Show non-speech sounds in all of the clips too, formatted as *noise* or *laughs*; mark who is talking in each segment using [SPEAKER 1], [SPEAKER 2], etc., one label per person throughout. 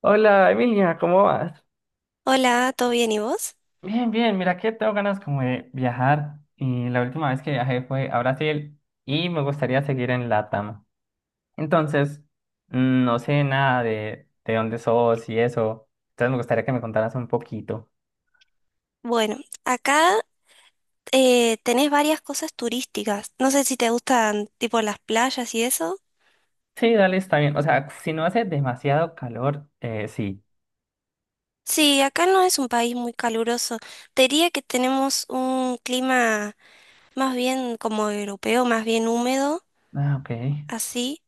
[SPEAKER 1] Hola Emilia, ¿cómo vas?
[SPEAKER 2] Hola, ¿todo bien y vos?
[SPEAKER 1] Bien, bien, mira que tengo ganas como de viajar y la última vez que viajé fue a Brasil y me gustaría seguir en LATAM. Entonces, no sé nada de dónde sos y eso, entonces me gustaría que me contaras un poquito.
[SPEAKER 2] Bueno, acá tenés varias cosas turísticas. No sé si te gustan tipo las playas y eso.
[SPEAKER 1] Sí, dale, está bien. O sea, si no hace demasiado calor, sí.
[SPEAKER 2] Sí, acá no es un país muy caluroso. Te diría que tenemos un clima más bien como europeo, más bien húmedo,
[SPEAKER 1] Ah, ok.
[SPEAKER 2] así.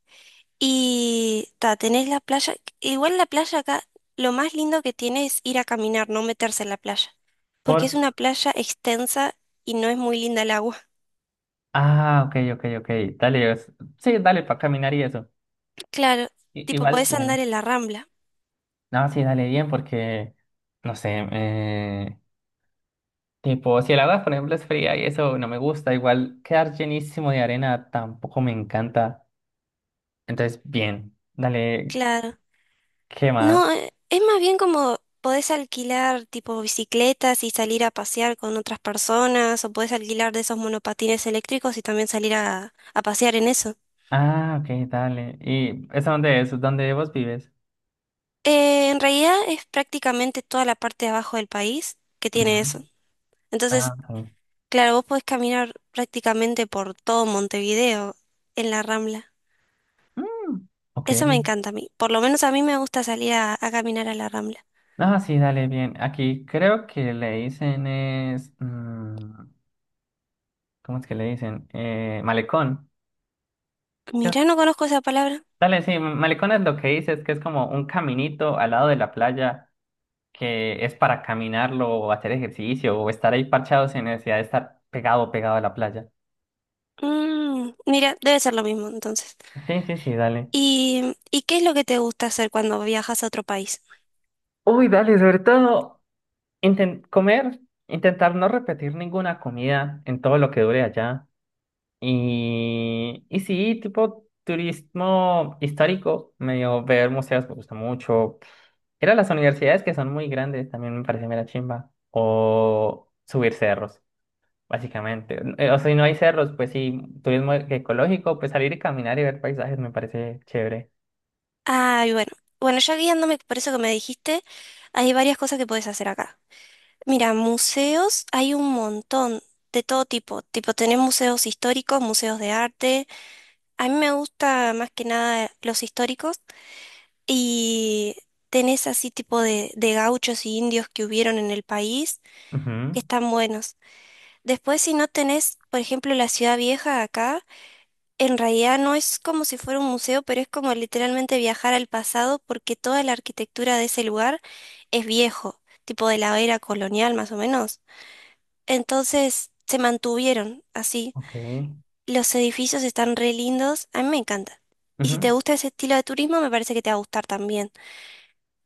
[SPEAKER 2] Y ta, tenés la playa. Igual la playa acá, lo más lindo que tiene es ir a caminar, no meterse en la playa.
[SPEAKER 1] Por...
[SPEAKER 2] Porque es una playa extensa y no es muy linda el agua.
[SPEAKER 1] Ah, ok, ok, ok. Dale, es- sí, dale, para caminar y eso.
[SPEAKER 2] *laughs* Claro,
[SPEAKER 1] I-
[SPEAKER 2] tipo
[SPEAKER 1] igual
[SPEAKER 2] podés andar
[SPEAKER 1] bien.
[SPEAKER 2] en la rambla.
[SPEAKER 1] No, sí, dale bien porque, no sé, Tipo, si el agua, por ejemplo, es fría y eso no me gusta, igual quedar llenísimo de arena tampoco me encanta. Entonces, bien, dale,
[SPEAKER 2] Claro.
[SPEAKER 1] ¿qué más?
[SPEAKER 2] No, es más bien como podés alquilar tipo bicicletas y salir a pasear con otras personas, o podés alquilar de esos monopatines eléctricos y también salir a pasear en eso.
[SPEAKER 1] Ah, ok, dale. ¿Y eso dónde es? ¿Dónde vos vives?
[SPEAKER 2] En realidad es prácticamente toda la parte de abajo del país que
[SPEAKER 1] Ajá.
[SPEAKER 2] tiene eso.
[SPEAKER 1] Ah,
[SPEAKER 2] Entonces,
[SPEAKER 1] ok.
[SPEAKER 2] claro, vos podés caminar prácticamente por todo Montevideo en la Rambla.
[SPEAKER 1] Mm, ok.
[SPEAKER 2] Eso me encanta a mí. Por lo menos a mí me gusta salir a caminar a la Rambla.
[SPEAKER 1] Ah, sí, dale, bien. Aquí creo que le dicen es... ¿cómo es que le dicen? Malecón. Es-
[SPEAKER 2] Mira, no conozco esa palabra.
[SPEAKER 1] Dale, sí, malecón es lo que dices, que es como un caminito al lado de la playa que es para caminarlo o hacer ejercicio o estar ahí parchado sin necesidad de estar pegado, pegado a la playa.
[SPEAKER 2] Mira, debe ser lo mismo entonces.
[SPEAKER 1] Sí, sí, sí, dale.
[SPEAKER 2] Y qué es lo que te gusta hacer cuando viajas a otro país?
[SPEAKER 1] Uy, dale, sobre todo inten- comer, intentar no repetir ninguna comida en todo lo que dure allá. Y sí, tipo turismo histórico, medio ver museos me gusta mucho. Ir a las universidades que son muy grandes también me parece mera chimba. O subir cerros básicamente. O sea, si no hay cerros, pues sí, turismo ecológico, pues salir y caminar y ver paisajes me parece chévere.
[SPEAKER 2] Ay, bueno. Bueno, ya guiándome por eso que me dijiste, hay varias cosas que puedes hacer acá. Mira, museos hay un montón de todo tipo. Tipo, tenés museos históricos, museos de arte. A mí me gusta más que nada los históricos. Y tenés así tipo de gauchos y indios que hubieron en el país,
[SPEAKER 1] Ujú,
[SPEAKER 2] que están buenos. Después, si no tenés, por ejemplo, la ciudad vieja acá. En realidad no es como si fuera un museo, pero es como literalmente viajar al pasado porque toda la arquitectura de ese lugar es viejo, tipo de la era colonial más o menos. Entonces se mantuvieron así.
[SPEAKER 1] ok.
[SPEAKER 2] Los edificios están re lindos, a mí me encanta. Y si
[SPEAKER 1] Ujú.
[SPEAKER 2] te gusta ese estilo de turismo, me parece que te va a gustar también.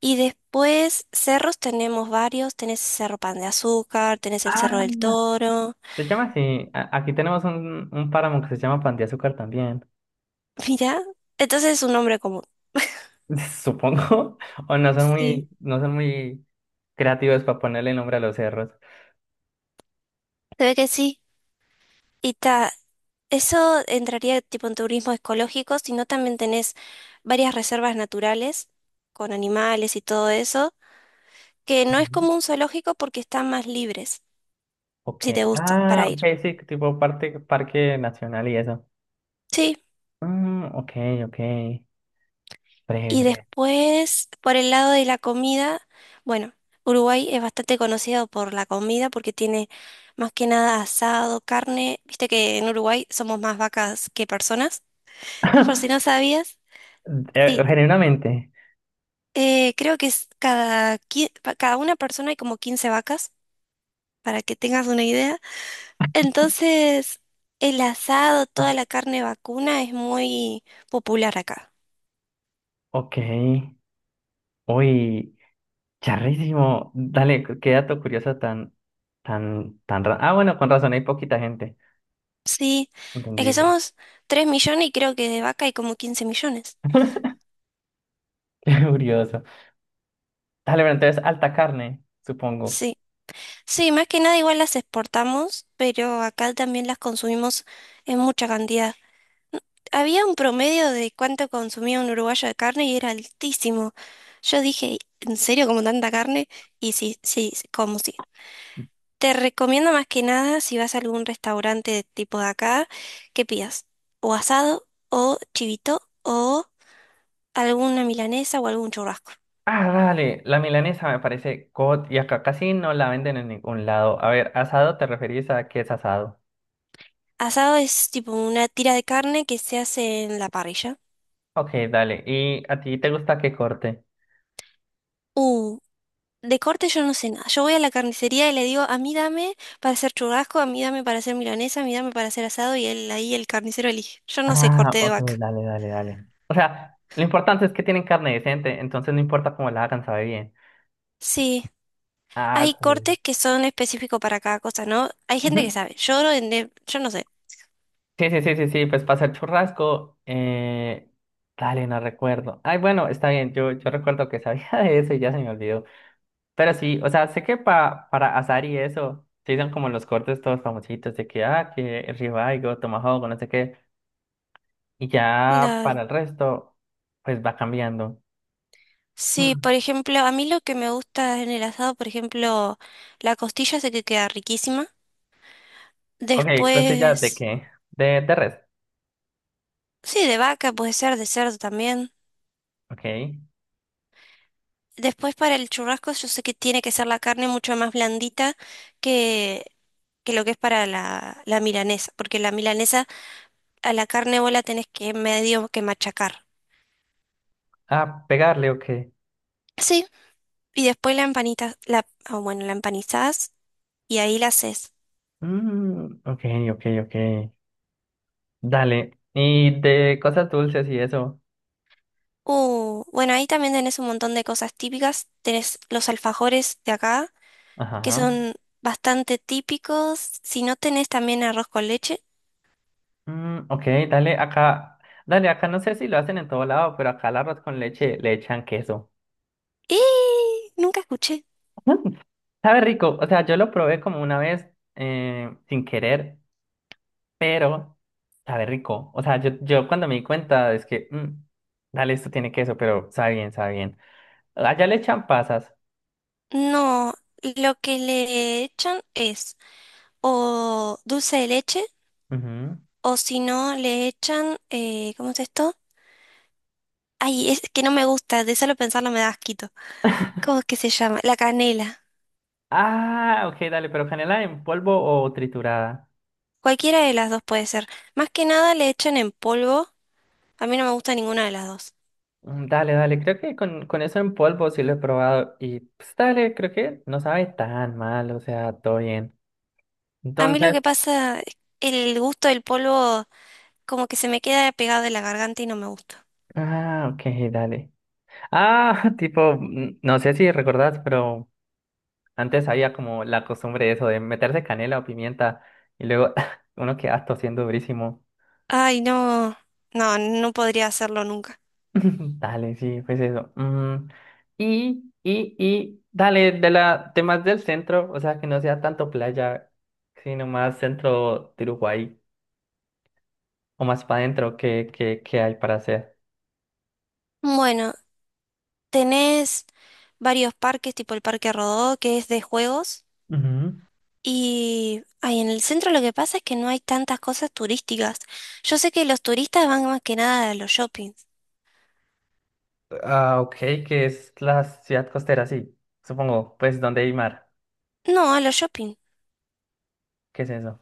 [SPEAKER 2] Y después, cerros tenemos varios, tenés el Cerro Pan de Azúcar, tenés el Cerro
[SPEAKER 1] Ah,
[SPEAKER 2] del Toro.
[SPEAKER 1] se llama así. A- aquí tenemos un páramo que se llama Pan de Azúcar también.
[SPEAKER 2] *laughs* Mira, entonces es un nombre común.
[SPEAKER 1] *laughs* Supongo. O no son
[SPEAKER 2] Sí.
[SPEAKER 1] muy, no son muy creativos para ponerle nombre a los cerros.
[SPEAKER 2] Se ve que sí. Y ta- Eso entraría tipo en turismo ecológico, sino también tenés varias reservas naturales con animales y todo eso, que no es
[SPEAKER 1] Ujú.
[SPEAKER 2] como un zoológico porque están más libres,
[SPEAKER 1] Ok.
[SPEAKER 2] si te gusta,
[SPEAKER 1] Ah,
[SPEAKER 2] para
[SPEAKER 1] ok,
[SPEAKER 2] ir.
[SPEAKER 1] sí, tipo parte, parque nacional y eso.
[SPEAKER 2] Sí,
[SPEAKER 1] Mm, ok, ok. Breve,
[SPEAKER 2] y
[SPEAKER 1] breve.
[SPEAKER 2] después, por el lado de la comida, bueno, Uruguay es bastante conocido por la comida porque tiene más que nada asado, carne, viste que en Uruguay somos más vacas que personas, por si no
[SPEAKER 1] *laughs*
[SPEAKER 2] sabías. Sí,
[SPEAKER 1] Genuinamente.
[SPEAKER 2] Creo que es cada una persona hay como 15 vacas, para que tengas una idea. Entonces, el asado, toda la carne vacuna es muy popular acá.
[SPEAKER 1] Ok. Uy, charrísimo. Dale, qué qué dato curioso tan, tan, tan... ra- Ah, bueno, con razón, hay poquita gente.
[SPEAKER 2] Sí, es que
[SPEAKER 1] Entendible.
[SPEAKER 2] somos 3 millones y creo que de vaca hay como 15 millones.
[SPEAKER 1] *laughs* Qué curioso. Dale, pero entonces, alta carne, supongo.
[SPEAKER 2] Sí, sí, más que nada igual las exportamos, pero acá también las consumimos en mucha cantidad. Había un promedio de cuánto consumía un uruguayo de carne y era altísimo. Yo dije, ¿en serio como tanta carne? Y sí, sí, sí, como sí. Te recomiendo más que nada si vas a algún restaurante de tipo de acá, que pidas o asado o chivito o alguna milanesa o algún churrasco.
[SPEAKER 1] Ah, dale, la milanesa me parece god y acá casi no la venden en ningún lado. A ver, asado, ¿te referís a qué es asado?
[SPEAKER 2] Asado es tipo una tira de carne que se hace en la parrilla.
[SPEAKER 1] Ok, dale. ¿Y a ti te gusta qué corte?
[SPEAKER 2] Uh, De corte yo no sé nada. Yo voy a la carnicería y le digo, a mí dame para hacer churrasco, a mí dame para hacer milanesa, a mí dame para hacer asado y él ahí el carnicero elige. Yo no sé
[SPEAKER 1] Ah,
[SPEAKER 2] corte de
[SPEAKER 1] ok,
[SPEAKER 2] vaca.
[SPEAKER 1] dale, dale, dale. O sea, lo importante es que tienen carne decente, entonces no importa cómo la hagan, sabe bien.
[SPEAKER 2] Sí,
[SPEAKER 1] Ah,
[SPEAKER 2] hay
[SPEAKER 1] qué
[SPEAKER 2] cortes que son específicos para cada cosa, ¿no? Hay gente que
[SPEAKER 1] bien.
[SPEAKER 2] sabe. Yo no, yo no sé.
[SPEAKER 1] Sí, sí, sí, sí, sí, pues pasa el churrasco. Dale, no recuerdo. Ay, bueno, está bien, yo recuerdo que sabía *laughs* de eso y ya se me olvidó. Pero sí, o sea, sé que pa, para asar y eso, se son como los cortes todos famositos de que, ah, que el ribeye o tomahawk, o no sé qué. Y ya
[SPEAKER 2] Claro.
[SPEAKER 1] para el resto, pues va cambiando.
[SPEAKER 2] Sí, por
[SPEAKER 1] Hmm.
[SPEAKER 2] ejemplo, a mí lo que me gusta en el asado, por ejemplo, la costilla sé que queda riquísima.
[SPEAKER 1] Ok, ¿costillas de
[SPEAKER 2] Después,
[SPEAKER 1] qué? De res.
[SPEAKER 2] sí, de vaca puede ser, de cerdo también.
[SPEAKER 1] Ok.
[SPEAKER 2] Después para el churrasco yo sé que tiene que ser la carne mucho más blandita que, que lo que es para la milanesa, porque la milanesa a la carne vos la tenés que medio que machacar.
[SPEAKER 1] Ah, pegarle, ok.
[SPEAKER 2] Sí, y después la empanitas, la, ah, bueno, la empanizás y ahí la haces.
[SPEAKER 1] Mm, ok, ok, ok. Dale. Y de cosas dulces y eso.
[SPEAKER 2] Bueno, ahí también tenés un montón de cosas típicas. Tenés los alfajores de acá, que
[SPEAKER 1] Ajá.
[SPEAKER 2] son bastante típicos. Si no tenés también arroz con leche.
[SPEAKER 1] Mm, ok, dale acá. Dale acá, no sé si lo hacen en todo lado, pero acá al arroz con leche le echan queso.
[SPEAKER 2] ¡Eh! Nunca escuché.
[SPEAKER 1] *laughs* Sabe rico, o sea, yo lo probé como una vez sin querer, pero sabe rico. O sea, yo cuando me di cuenta es que, dale, esto tiene queso, pero sabe bien, sabe bien. Allá le echan pasas.
[SPEAKER 2] No, lo que le echan es o dulce de leche
[SPEAKER 1] Ujú.
[SPEAKER 2] o si no le echan, ¿cómo es esto? Ay, es que no me gusta, de solo pensarlo me da asquito. ¿Cómo es que se llama? La canela.
[SPEAKER 1] Ah, ok, dale, pero canela en polvo o triturada.
[SPEAKER 2] Cualquiera de las dos puede ser. Más que nada le echan en polvo. A mí no me gusta ninguna de las dos.
[SPEAKER 1] Mm, dale, dale, creo que con eso en polvo sí lo he probado y pues dale, creo que no sabe tan mal, o sea, todo bien.
[SPEAKER 2] A mí lo
[SPEAKER 1] Entonces,
[SPEAKER 2] que pasa, es el gusto del polvo como que se me queda pegado en la garganta y no me gusta.
[SPEAKER 1] ah, ok, dale. Ah, *laughs* tipo, no sé si recordás, pero antes había como la costumbre de eso de meterse canela o pimienta y luego *laughs* uno queda tosiendo durísimo.
[SPEAKER 2] Ay, no, no, no podría hacerlo nunca.
[SPEAKER 1] *laughs* Dale, sí, pues eso. Mm, y, dale, de la, de más del centro, o sea, que no sea tanto playa, sino más centro de Uruguay, o más para adentro, ¿qué, qué, qué hay para hacer?
[SPEAKER 2] Bueno, tenés varios parques, tipo el Parque Rodó, que es de juegos.
[SPEAKER 1] Ujú.
[SPEAKER 2] Y ay, en el centro lo que pasa es que no hay tantas cosas turísticas. Yo sé que los turistas van más que nada a los shoppings.
[SPEAKER 1] Ah, ok, que es la ciudad costera, sí, supongo, pues donde hay mar,
[SPEAKER 2] No, a los shopping.
[SPEAKER 1] ¿qué es eso?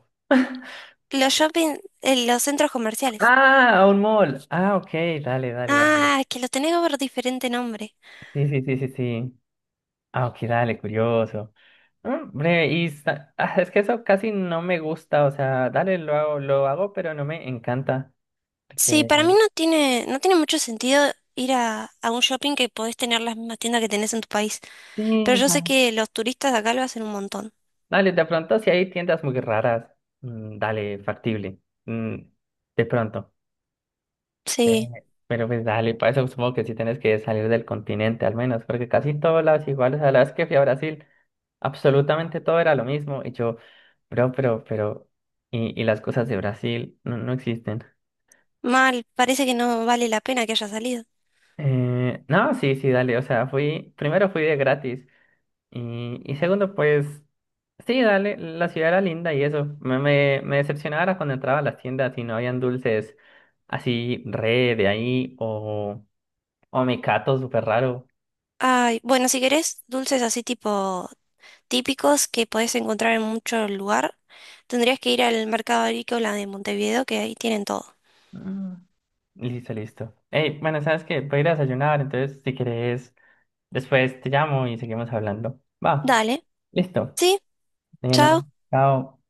[SPEAKER 2] Los shopping, los centros comerciales.
[SPEAKER 1] Ah, un mall, ah, ok, dale, dale, dale,
[SPEAKER 2] Ah, que lo tenés por diferente nombre.
[SPEAKER 1] sí, sí, sí, sí, sí, ah, ok, dale, curioso, mm, breve, y sa- *laughs* ah, es que eso casi no me gusta, o sea, dale, lo hago, pero no me encanta,
[SPEAKER 2] Sí, para
[SPEAKER 1] porque,
[SPEAKER 2] mí no tiene, no tiene mucho sentido ir a un shopping que podés tener las mismas tiendas que tenés en tu país. Pero
[SPEAKER 1] sí,
[SPEAKER 2] yo sé
[SPEAKER 1] vale.
[SPEAKER 2] que los turistas de acá lo hacen un montón.
[SPEAKER 1] Dale, de pronto si hay tiendas muy raras, mm, dale, factible, mm, de pronto. Eh,
[SPEAKER 2] Sí,
[SPEAKER 1] Pero pues dale, para eso supongo que sí tienes que salir del continente al menos, porque casi todas las iguales, a las que fui a Brasil, absolutamente todo era lo mismo. Y yo, bro, pero, y las cosas de Brasil no, no existen.
[SPEAKER 2] mal, parece que no vale la pena que haya salido.
[SPEAKER 1] No, sí, sí, dale, o sea, fui, primero fui de gratis y segundo, pues, sí, dale, la ciudad era linda y eso, me decepcionaba era cuando entraba a las tiendas y no habían dulces así re de ahí o mecato súper raro.
[SPEAKER 2] Ay, bueno, si querés dulces así tipo típicos que podés encontrar en mucho lugar, tendrías que ir al mercado agrícola de Montevideo, que ahí tienen todo.
[SPEAKER 1] Mm, listo, listo. Hey, bueno, sabes que voy a ir a desayunar, entonces si quieres, después te llamo y seguimos hablando. Va,
[SPEAKER 2] Dale,
[SPEAKER 1] listo.
[SPEAKER 2] sí, chao.
[SPEAKER 1] Bueno, chao.